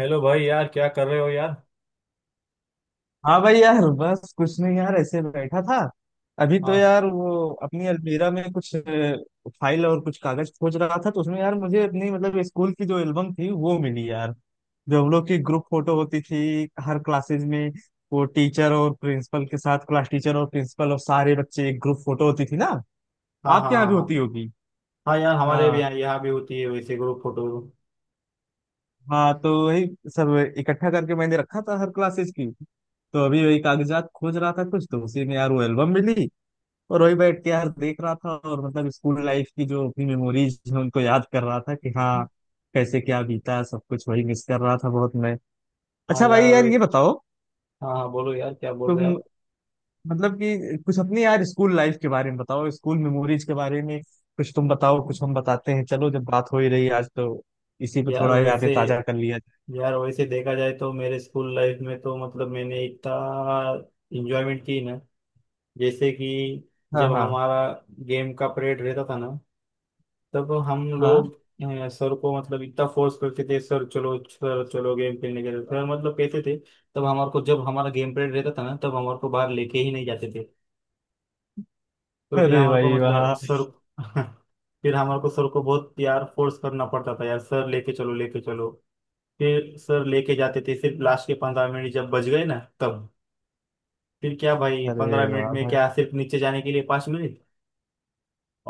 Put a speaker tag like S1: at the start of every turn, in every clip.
S1: Hello भाई। यार क्या कर रहे हो यार?
S2: हाँ भाई यार बस कुछ नहीं यार, ऐसे बैठा था। अभी तो
S1: हाँ,
S2: यार वो अपनी अलमीरा में कुछ फाइल और कुछ कागज खोज रहा था, तो उसमें यार मुझे अपनी मतलब स्कूल की जो एल्बम थी वो मिली यार। जो हम लोग की ग्रुप फोटो होती थी हर क्लासेज में, वो टीचर और प्रिंसिपल के साथ क्लास टीचर और प्रिंसिपल और सारे बच्चे एक ग्रुप फोटो होती थी ना।
S1: हाँ, हाँ,
S2: आपके यहाँ
S1: हाँ,
S2: भी
S1: हाँ।
S2: होती होगी।
S1: हाँ यार, हमारे भी
S2: हाँ।
S1: यहाँ यहाँ भी होती है वैसे ग्रुप फोटो।
S2: हाँ तो वही सब इकट्ठा करके मैंने रखा था हर क्लासेज की। तो अभी वही कागजात खोज रहा था कुछ, तो उसी में यार वो एल्बम मिली। और वही बैठ के यार देख रहा था, और मतलब स्कूल लाइफ की जो अपनी मेमोरीज हैं उनको याद कर रहा था कि हाँ, कैसे क्या बीता है, सब कुछ। वही मिस कर रहा था बहुत मैं।
S1: हाँ
S2: अच्छा भाई
S1: यार
S2: यार ये
S1: वैसे।
S2: बताओ
S1: हाँ, हाँ, बोलो यार, क्या बोल रहे हो
S2: तुम,
S1: आप?
S2: मतलब कि कुछ अपनी यार स्कूल लाइफ के बारे में बताओ, स्कूल मेमोरीज के बारे में। कुछ तुम बताओ कुछ हम बताते हैं, चलो। जब बात हो ही रही आज तो इसी पे
S1: यार
S2: थोड़ा यादें
S1: वैसे।
S2: ताजा कर लिया
S1: यार वैसे देखा जाए तो मेरे स्कूल लाइफ में तो मतलब मैंने इतना इंजॉयमेंट की ना। जैसे कि
S2: जाए। हाँ।
S1: जब
S2: हाँ।
S1: हमारा गेम का पीरियड रहता था ना, तब हम लोग
S2: हाँ।
S1: सर को मतलब इतना फोर्स करते थे, सर चलो, सर चलो गेम खेलने के लिए, सर मतलब कहते थे। तब हमारे को, जब हमारा गेम पीरियड रहता था ना, तब हमारे को बाहर लेके ही नहीं जाते थे। तो फिर
S2: अरे
S1: हमारे को
S2: भाई
S1: मतलब
S2: वाह।
S1: सर फिर हमारे को सर को बहुत यार फोर्स करना पड़ता था यार, सर लेके चलो, लेके चलो। फिर सर लेके जाते थे सिर्फ लास्ट के 15 मिनट, जब बच गए ना, तब। फिर क्या भाई,
S2: अरे
S1: 15 मिनट
S2: वाह
S1: में
S2: भाई।
S1: क्या? सिर्फ नीचे जाने के लिए 5 मिनट,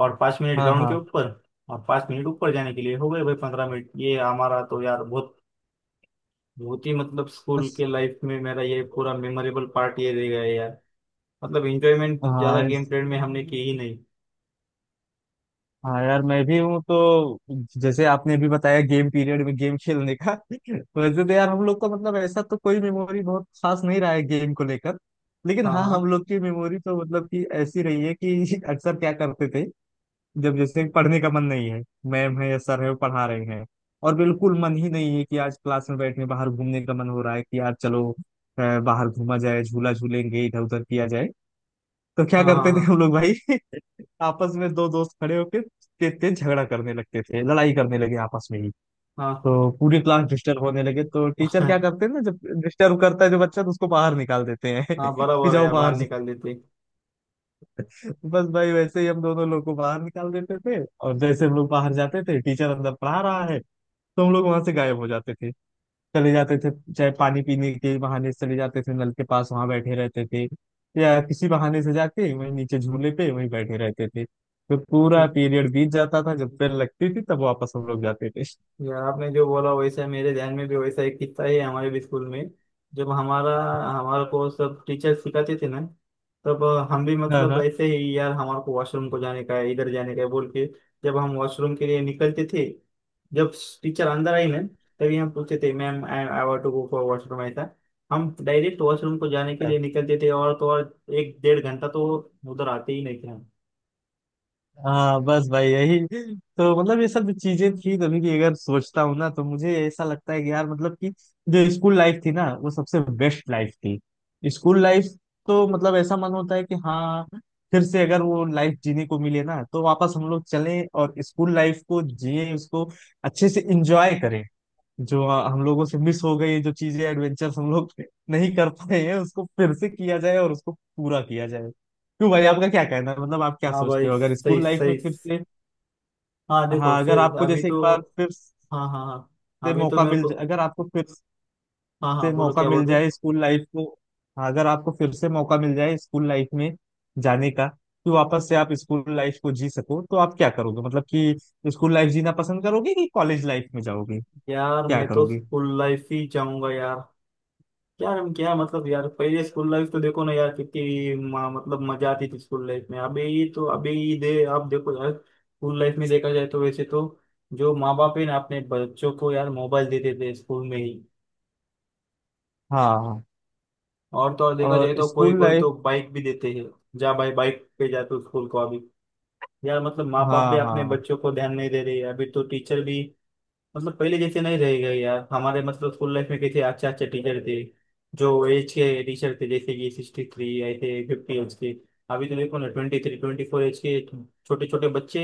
S1: और 5 मिनट
S2: हाँ।
S1: ग्राउंड के
S2: हाँ।
S1: ऊपर, और 5 मिनट ऊपर जाने के लिए, हो गए भाई 15 मिनट। ये हमारा तो यार बहुत बहुत ही मतलब स्कूल
S2: बस।
S1: के लाइफ में मेरा ये पूरा मेमोरेबल पार्ट ये रह गया है यार। मतलब एंजॉयमेंट ज्यादा
S2: हाँ।
S1: गेम पीरियड में हमने की ही नहीं।
S2: हाँ यार मैं भी हूँ तो, जैसे आपने अभी बताया गेम पीरियड में गेम खेलने का। वैसे तो यार हम लोग का मतलब ऐसा तो कोई मेमोरी बहुत खास नहीं रहा है गेम को लेकर। लेकिन
S1: हाँ,
S2: हाँ, हम
S1: हाँ,
S2: लोग की मेमोरी तो मतलब कि ऐसी रही है कि अक्सर क्या करते थे, जब जैसे पढ़ने का मन नहीं है, मैम है या सर है वो पढ़ा रहे हैं, और बिल्कुल मन ही नहीं है कि आज क्लास में बैठने, बाहर घूमने का मन हो रहा है कि यार चलो बाहर घूमा जाए, झूला झूलेंगे, इधर उधर किया जाए। तो क्या
S1: हाँ,
S2: करते थे
S1: हाँ,
S2: हम लोग भाई, आपस में दो दोस्त खड़े होकर तेज तेज झगड़ा करने लगते थे, लड़ाई करने लगे आपस में ही।
S1: हाँ, हाँ।
S2: तो पूरी क्लास डिस्टर्ब होने लगे तो टीचर क्या
S1: हाँ,
S2: करते हैं ना, जब डिस्टर्ब करता है जो बच्चा तो उसको बाहर निकाल देते हैं
S1: हाँ,
S2: कि
S1: बराबर है
S2: जाओ
S1: यार,
S2: बाहर
S1: बाहर
S2: जाओ।
S1: निकाल देते।
S2: बस भाई, वैसे ही हम दोनों लोग को बाहर निकाल देते थे, और जैसे हम लोग बाहर जाते थे टीचर अंदर पढ़ा रहा है, तो हम लोग वहां से गायब हो जाते थे। चले जाते थे, चाहे पानी पीने के बहाने से चले जाते थे नल के पास वहां बैठे रहते थे, या किसी बहाने से जाके वहीं नीचे झूले पे वहीं बैठे रहते थे। तो पूरा पीरियड बीत जाता था, जब बेल लगती थी तब वापस हम लोग जाते थे।
S1: यार, आपने जो बोला वैसा मेरे ध्यान में भी वैसा एक किस्सा है, हमारे भी स्कूल में। जब हमारा हमारे को सब टीचर सिखाते थे ना, तब हम भी
S2: हाँ।
S1: मतलब
S2: हाँ।
S1: ऐसे ही यार, हमारे को वॉशरूम को जाने का है, इधर जाने का है बोल के, जब हम वॉशरूम के लिए निकलते थे, जब टीचर अंदर आई ना, तभी हम पूछते थे, ma'am I want to go for washroom ऐसा। हम डायरेक्ट वॉशरूम को जाने के लिए निकलते थे, और तो और एक 1.5 घंटा तो उधर आते ही नहीं थे हम।
S2: हाँ, बस भाई यही। तो मतलब ये सब जो चीजें थी तभी की अगर सोचता हूँ ना, तो मुझे ऐसा लगता है कि यार, मतलब कि जो स्कूल लाइफ थी ना वो सबसे बेस्ट लाइफ थी, स्कूल लाइफ। तो मतलब ऐसा मन होता है कि हाँ, फिर से अगर वो लाइफ जीने को मिले ना तो वापस हम लोग चलें और स्कूल लाइफ को जिए, उसको अच्छे से इंजॉय करें। जो हम लोगों से मिस हो गई, जो चीजें एडवेंचर्स हम लोग नहीं कर पाए हैं उसको फिर से किया जाए, और उसको पूरा किया जाए। क्यों भाई, आपका क्या कहना है, मतलब आप क्या
S1: हाँ
S2: सोचते
S1: भाई,
S2: हो, अगर
S1: सही
S2: स्कूल लाइफ में
S1: सही।
S2: फिर से,
S1: हाँ देखो
S2: हाँ, अगर
S1: फिर
S2: आपको
S1: अभी
S2: जैसे
S1: तो।
S2: एक बार फिर
S1: हाँ, हाँ, हाँ,
S2: से
S1: अभी तो
S2: मौका
S1: मेरे
S2: मिल
S1: को।
S2: जाए, अगर आपको फिर
S1: हाँ, हाँ,
S2: से
S1: बोलो
S2: मौका
S1: क्या
S2: मिल
S1: बोल रहे?
S2: जाए स्कूल लाइफ को, हाँ, अगर आपको फिर से मौका मिल जाए स्कूल लाइफ में जाने का, कि वापस से आप स्कूल लाइफ को जी सको, तो आप क्या करोगे? मतलब कि स्कूल लाइफ जीना पसंद करोगे कि कॉलेज लाइफ में जाओगे,
S1: यार
S2: क्या
S1: मैं तो
S2: करोगे?
S1: स्कूल लाइफ ही जाऊंगा यार। यार हम क्या मतलब यार, पहले स्कूल लाइफ तो देखो ना यार, कितनी मतलब मजा आती थी स्कूल लाइफ में। अभी तो, अभी दे आप देखो यार, स्कूल लाइफ में देखा जाए तो वैसे तो जो माँ बाप है ना, अपने बच्चों को यार मोबाइल देते थे स्कूल में ही।
S2: हाँ। हाँ।
S1: और तो और देखा
S2: और
S1: जाए तो कोई
S2: स्कूल
S1: कोई
S2: लाइफ।
S1: तो बाइक भी देते हैं, जा भाई बाइक पे जा तू स्कूल को अभी। यार मतलब माँ बाप भी
S2: हाँ।
S1: अपने
S2: हाँ।
S1: बच्चों को ध्यान नहीं दे रहे, अभी तो टीचर भी मतलब पहले जैसे नहीं रहेगा यार। हमारे मतलब स्कूल लाइफ में कैसे अच्छे अच्छे टीचर थे, जो एज के टीचर थे, जैसे कि 63, ऐसे 50 एज के। अभी तो देखो ना, 23 24 एज के छोटे छोटे बच्चे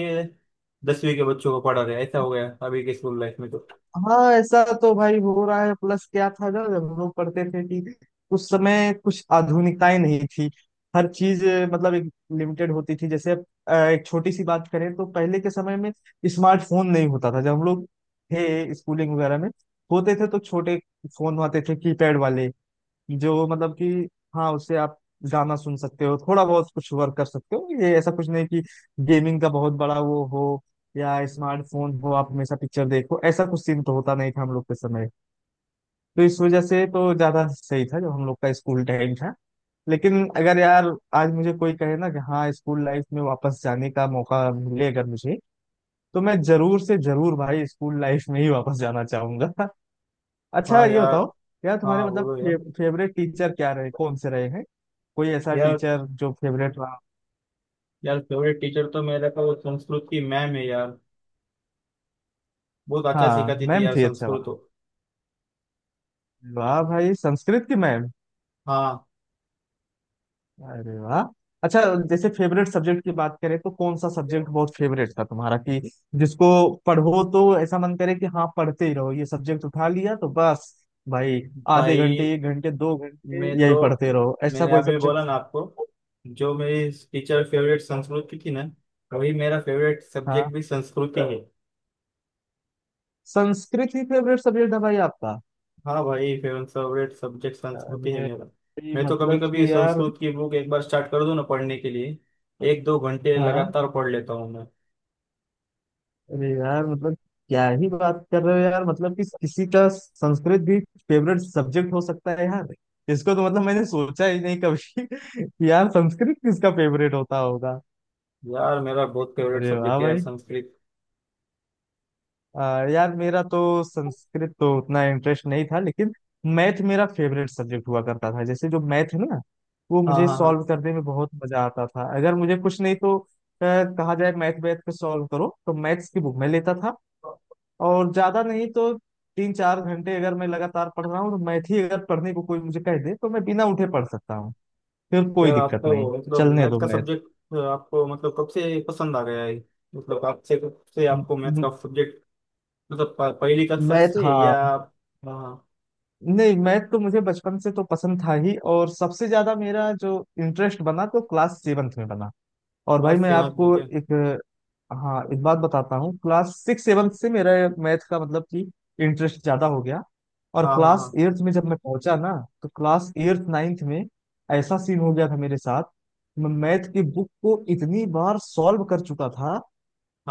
S1: 10वीं के बच्चों को पढ़ा रहे हैं। ऐसा हो गया अभी के स्कूल लाइफ में तो।
S2: हाँ, ऐसा तो भाई हो रहा है प्लस। क्या था ना, जब हम लोग पढ़ते थे कि उस समय कुछ आधुनिकताएं नहीं थी, हर चीज मतलब एक लिमिटेड होती थी। जैसे अब, एक छोटी सी बात करें तो पहले के समय में स्मार्टफोन नहीं होता था, जब हम लोग थे स्कूलिंग वगैरह में होते थे तो छोटे फोन आते थे कीपैड वाले, जो मतलब कि हाँ, उससे आप गाना सुन सकते हो, थोड़ा बहुत कुछ वर्क कर सकते हो, ये ऐसा कुछ नहीं कि गेमिंग का बहुत बड़ा वो हो या स्मार्टफोन हो आप हमेशा पिक्चर देखो, ऐसा कुछ सीन तो होता नहीं था हम लोग के समय। तो इस वजह से तो ज्यादा सही था जो हम लोग का स्कूल टाइम था। लेकिन अगर यार आज मुझे कोई कहे ना कि हाँ, स्कूल लाइफ में वापस जाने का मौका मिले अगर मुझे, तो मैं जरूर से जरूर भाई स्कूल लाइफ में ही वापस जाना चाहूंगा। अच्छा
S1: हाँ
S2: ये
S1: यार।
S2: बताओ यार, तुम्हारे
S1: हाँ
S2: मतलब
S1: बोलो यार।
S2: फेवरेट टीचर क्या रहे कौन से रहे हैं, कोई ऐसा
S1: यार,
S2: टीचर जो फेवरेट रहा?
S1: यार फेवरेट टीचर तो मेरा का वो संस्कृत की मैम है यार, बहुत अच्छा
S2: हाँ,
S1: सिखाती थी
S2: मैम
S1: यार
S2: थी, अच्छा
S1: संस्कृत
S2: वाह।
S1: तो।
S2: वाह भाई, संस्कृत की मैम।
S1: हाँ
S2: अरे वाह। अच्छा, जैसे फेवरेट सब्जेक्ट की बात करें तो कौन सा सब्जेक्ट बहुत फेवरेट था तुम्हारा, कि जिसको पढ़ो तो ऐसा मन करे कि हाँ पढ़ते ही रहो, ये सब्जेक्ट उठा लिया तो बस भाई आधे
S1: भाई,
S2: घंटे एक घंटे दो घंटे
S1: मैं तो,
S2: यही पढ़ते रहो, ऐसा
S1: मैंने
S2: कोई
S1: अभी
S2: सब्जेक्ट?
S1: बोला ना आपको, जो मेरी टीचर फेवरेट संस्कृत की थी ना, वही मेरा फेवरेट
S2: हाँ।
S1: सब्जेक्ट भी संस्कृत ही है।
S2: संस्कृत ही फेवरेट सब्जेक्ट था भाई आपका?
S1: हाँ भाई, फेवरेट फेवरेट सब्जेक्ट संस्कृत ही है
S2: अरे,
S1: मेरा।
S2: ये
S1: मैं तो कभी
S2: मतलब
S1: कभी
S2: कि यार,
S1: संस्कृत की बुक एक बार स्टार्ट कर दूँ ना पढ़ने के लिए, एक दो घंटे
S2: हाँ,
S1: लगातार पढ़ लेता हूँ मैं।
S2: अरे यार मतलब क्या ही बात कर रहे हो यार, मतलब कि किसी का संस्कृत भी फेवरेट सब्जेक्ट हो सकता है यार, इसको तो मतलब मैंने सोचा ही नहीं कभी कि यार संस्कृत किसका फेवरेट होता होगा।
S1: यार मेरा बहुत फेवरेट
S2: अरे वाह
S1: सब्जेक्ट है यार
S2: भाई।
S1: संस्कृत।
S2: यार मेरा तो संस्कृत तो उतना इंटरेस्ट नहीं था, लेकिन मैथ मेरा फेवरेट सब्जेक्ट हुआ करता था, जैसे जो मैथ है ना वो
S1: हाँ,
S2: मुझे
S1: हाँ, हाँ।
S2: सॉल्व करने में बहुत मजा आता था। अगर मुझे कुछ नहीं तो कहा जाए मैथ, मैथ पे सॉल्व करो तो मैथ्स की बुक मैं लेता था, और ज्यादा नहीं तो 3 4 घंटे अगर मैं लगातार पढ़ रहा हूँ तो मैथ ही अगर पढ़ने को कोई मुझे कह दे तो मैं बिना उठे पढ़ सकता हूँ, फिर कोई
S1: यार
S2: दिक्कत नहीं।
S1: आपको मतलब
S2: चलने
S1: मैथ
S2: दो।
S1: का सब्जेक्ट आपको मतलब कब से पसंद आ गया है? मतलब आपसे कब से आपको मैथ
S2: मैथ।
S1: का सब्जेक्ट? मतलब पहली कक्षा
S2: मैथ।
S1: से
S2: हाँ।
S1: या? हाँ।
S2: नहीं, मैथ तो मुझे बचपन से तो पसंद था ही, और सबसे ज्यादा मेरा जो इंटरेस्ट बना तो क्लास 7वीं में बना। और भाई
S1: क्लास
S2: मैं
S1: 7 में
S2: आपको
S1: क्या?
S2: एक, हाँ एक बात बताता हूँ, क्लास 6 7वीं से मेरा मैथ का मतलब कि इंटरेस्ट ज्यादा हो गया, और
S1: हाँ, हाँ,
S2: क्लास
S1: हाँ,
S2: एट्थ में जब मैं पहुंचा ना तो क्लास 8वीं 9वीं में ऐसा सीन हो गया था मेरे साथ। मैं मैथ की बुक को इतनी बार सॉल्व कर चुका था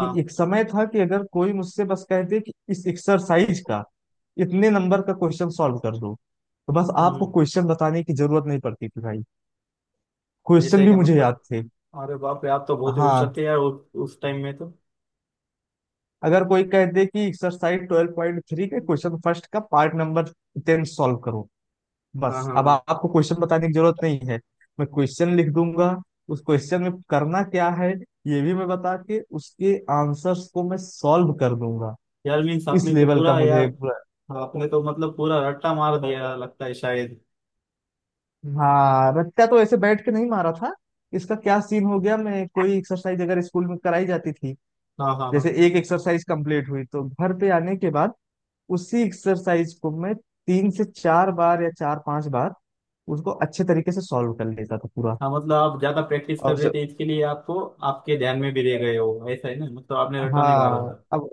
S2: कि एक समय था कि अगर कोई मुझसे बस कहते कि इस एक्सरसाइज का इतने नंबर का क्वेश्चन सॉल्व कर दो, तो बस
S1: हम्म,
S2: आपको
S1: हम्म।
S2: क्वेश्चन बताने की जरूरत नहीं पड़ती थी भाई,
S1: ऐसा
S2: क्वेश्चन
S1: ही
S2: भी
S1: क्या
S2: मुझे याद
S1: मतलब?
S2: थे।
S1: अरे बाप रे, आप तो बहुत ही
S2: हाँ,
S1: होशियार थे यार उस टाइम में तो।
S2: अगर कोई कहते कि एक्सरसाइज 12.3 के क्वेश्चन फर्स्ट का पार्ट नंबर 10 सॉल्व करो,
S1: हाँ,
S2: बस
S1: हाँ,
S2: अब
S1: हाँ।
S2: आपको क्वेश्चन बताने की जरूरत नहीं है, मैं क्वेश्चन लिख दूंगा, उस क्वेश्चन में करना क्या है ये भी मैं बता के उसके आंसर्स को मैं सॉल्व कर दूंगा,
S1: यार मीन्स
S2: इस
S1: आपने तो
S2: लेवल का
S1: पूरा
S2: मुझे।
S1: यार, आपने तो मतलब पूरा रट्टा मार दिया लगता है शायद।
S2: हाँ, रट्टा तो ऐसे बैठ के नहीं मारा था, इसका क्या सीन हो गया, मैं कोई एक्सरसाइज अगर स्कूल में कराई जाती थी,
S1: हाँ, हाँ, हाँ,
S2: जैसे एक एक्सरसाइज कंप्लीट हुई तो घर पे आने के बाद उसी एक्सरसाइज को मैं 3 से 4 बार या 4 5 बार उसको अच्छे तरीके से सॉल्व कर लेता था पूरा।
S1: हाँ। मतलब आप ज्यादा प्रैक्टिस कर
S2: और
S1: रहे
S2: जब,
S1: थे इसके लिए, आपको आपके ध्यान में भी रह गए हो ऐसा है ना, मतलब आपने रट्टा नहीं मारा
S2: हाँ
S1: था।
S2: अब,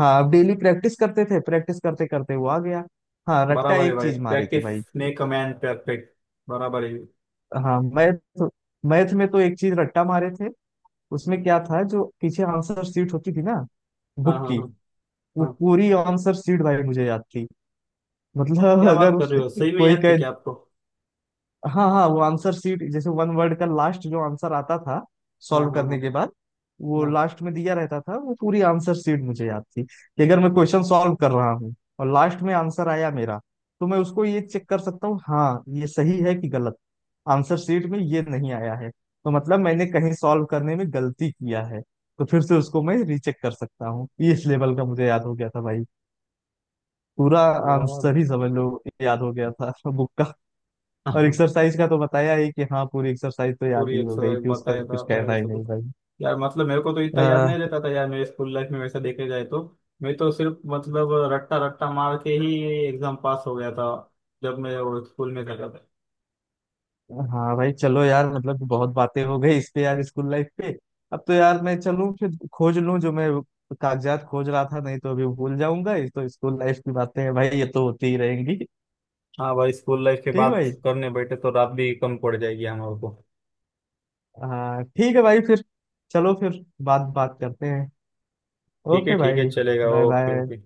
S2: हाँ अब डेली प्रैक्टिस करते थे, प्रैक्टिस करते करते वो आ गया। हाँ, रट्टा
S1: बराबर है
S2: एक
S1: भाई,
S2: चीज मारे थे
S1: प्रैक्टिस
S2: भाई।
S1: मेक अ मैन परफेक्ट, बराबर है।
S2: हाँ मैथ, मैथ में तो एक चीज रट्टा मारे थे, उसमें क्या था जो पीछे आंसर शीट होती थी ना
S1: हाँ,
S2: बुक
S1: हाँ,
S2: की,
S1: हाँ,
S2: वो
S1: हाँ।
S2: पूरी आंसर शीट भाई मुझे याद थी, मतलब
S1: क्या
S2: अगर
S1: बात कर
S2: उस
S1: रहे हो, सही में
S2: कोई
S1: याद थी
S2: कहे,
S1: क्या आपको?
S2: हाँ हाँ वो आंसर शीट जैसे वन वर्ड का लास्ट जो आंसर आता था
S1: हाँ,
S2: सॉल्व
S1: हाँ,
S2: करने
S1: हाँ,
S2: के बाद, वो
S1: हाँ
S2: लास्ट में दिया रहता था, वो पूरी आंसर शीट मुझे याद थी कि अगर मैं क्वेश्चन सॉल्व कर रहा हूँ और लास्ट में आंसर आया मेरा, तो मैं उसको ये चेक कर सकता हूँ, हाँ ये सही है कि गलत। आंसर शीट में ये नहीं आया है तो मतलब मैंने कहीं सॉल्व करने में गलती किया है, तो फिर से उसको मैं रीचेक कर सकता हूँ, ये इस लेवल का मुझे याद हो गया था भाई, पूरा
S1: यार।
S2: आंसर ही समझ लो, याद हो गया था बुक का, और एक्सरसाइज का तो बताया ही कि हाँ पूरी एक्सरसाइज तो याद
S1: पूरी
S2: ही हो गई
S1: एक्सरसाइज
S2: थी, उसका
S1: बताया था
S2: कुछ
S1: आपने
S2: कहना ही
S1: वैसे तो।
S2: नहीं भाई।
S1: यार मतलब मेरे को तो इतना याद
S2: अह,
S1: नहीं रहता था यार, मेरे स्कूल लाइफ में वैसा देखे जाए तो, मैं तो सिर्फ मतलब रट्टा रट्टा मार के ही एग्जाम पास हो गया था, जब मैं वो स्कूल में जाता था।
S2: हाँ भाई चलो यार, मतलब कि बहुत बातें हो गई इस पे यार स्कूल लाइफ पे, अब तो यार मैं चलूँ फिर खोज लूँ जो मैं कागजात खोज रहा था, नहीं तो अभी भूल जाऊंगा, ये तो स्कूल लाइफ की बातें हैं भाई, ये तो होती ही रहेंगी।
S1: हाँ भाई, स्कूल लाइफ की
S2: ठीक
S1: बात
S2: भाई।
S1: करने बैठे तो रात भी कम पड़ जाएगी हमारे को।
S2: हाँ ठीक है भाई फिर, चलो फिर बात बात करते हैं।
S1: ठीक है,
S2: ओके
S1: ठीक है,
S2: भाई,
S1: चलेगा,
S2: बाय
S1: ओके,
S2: बाय।
S1: ओके।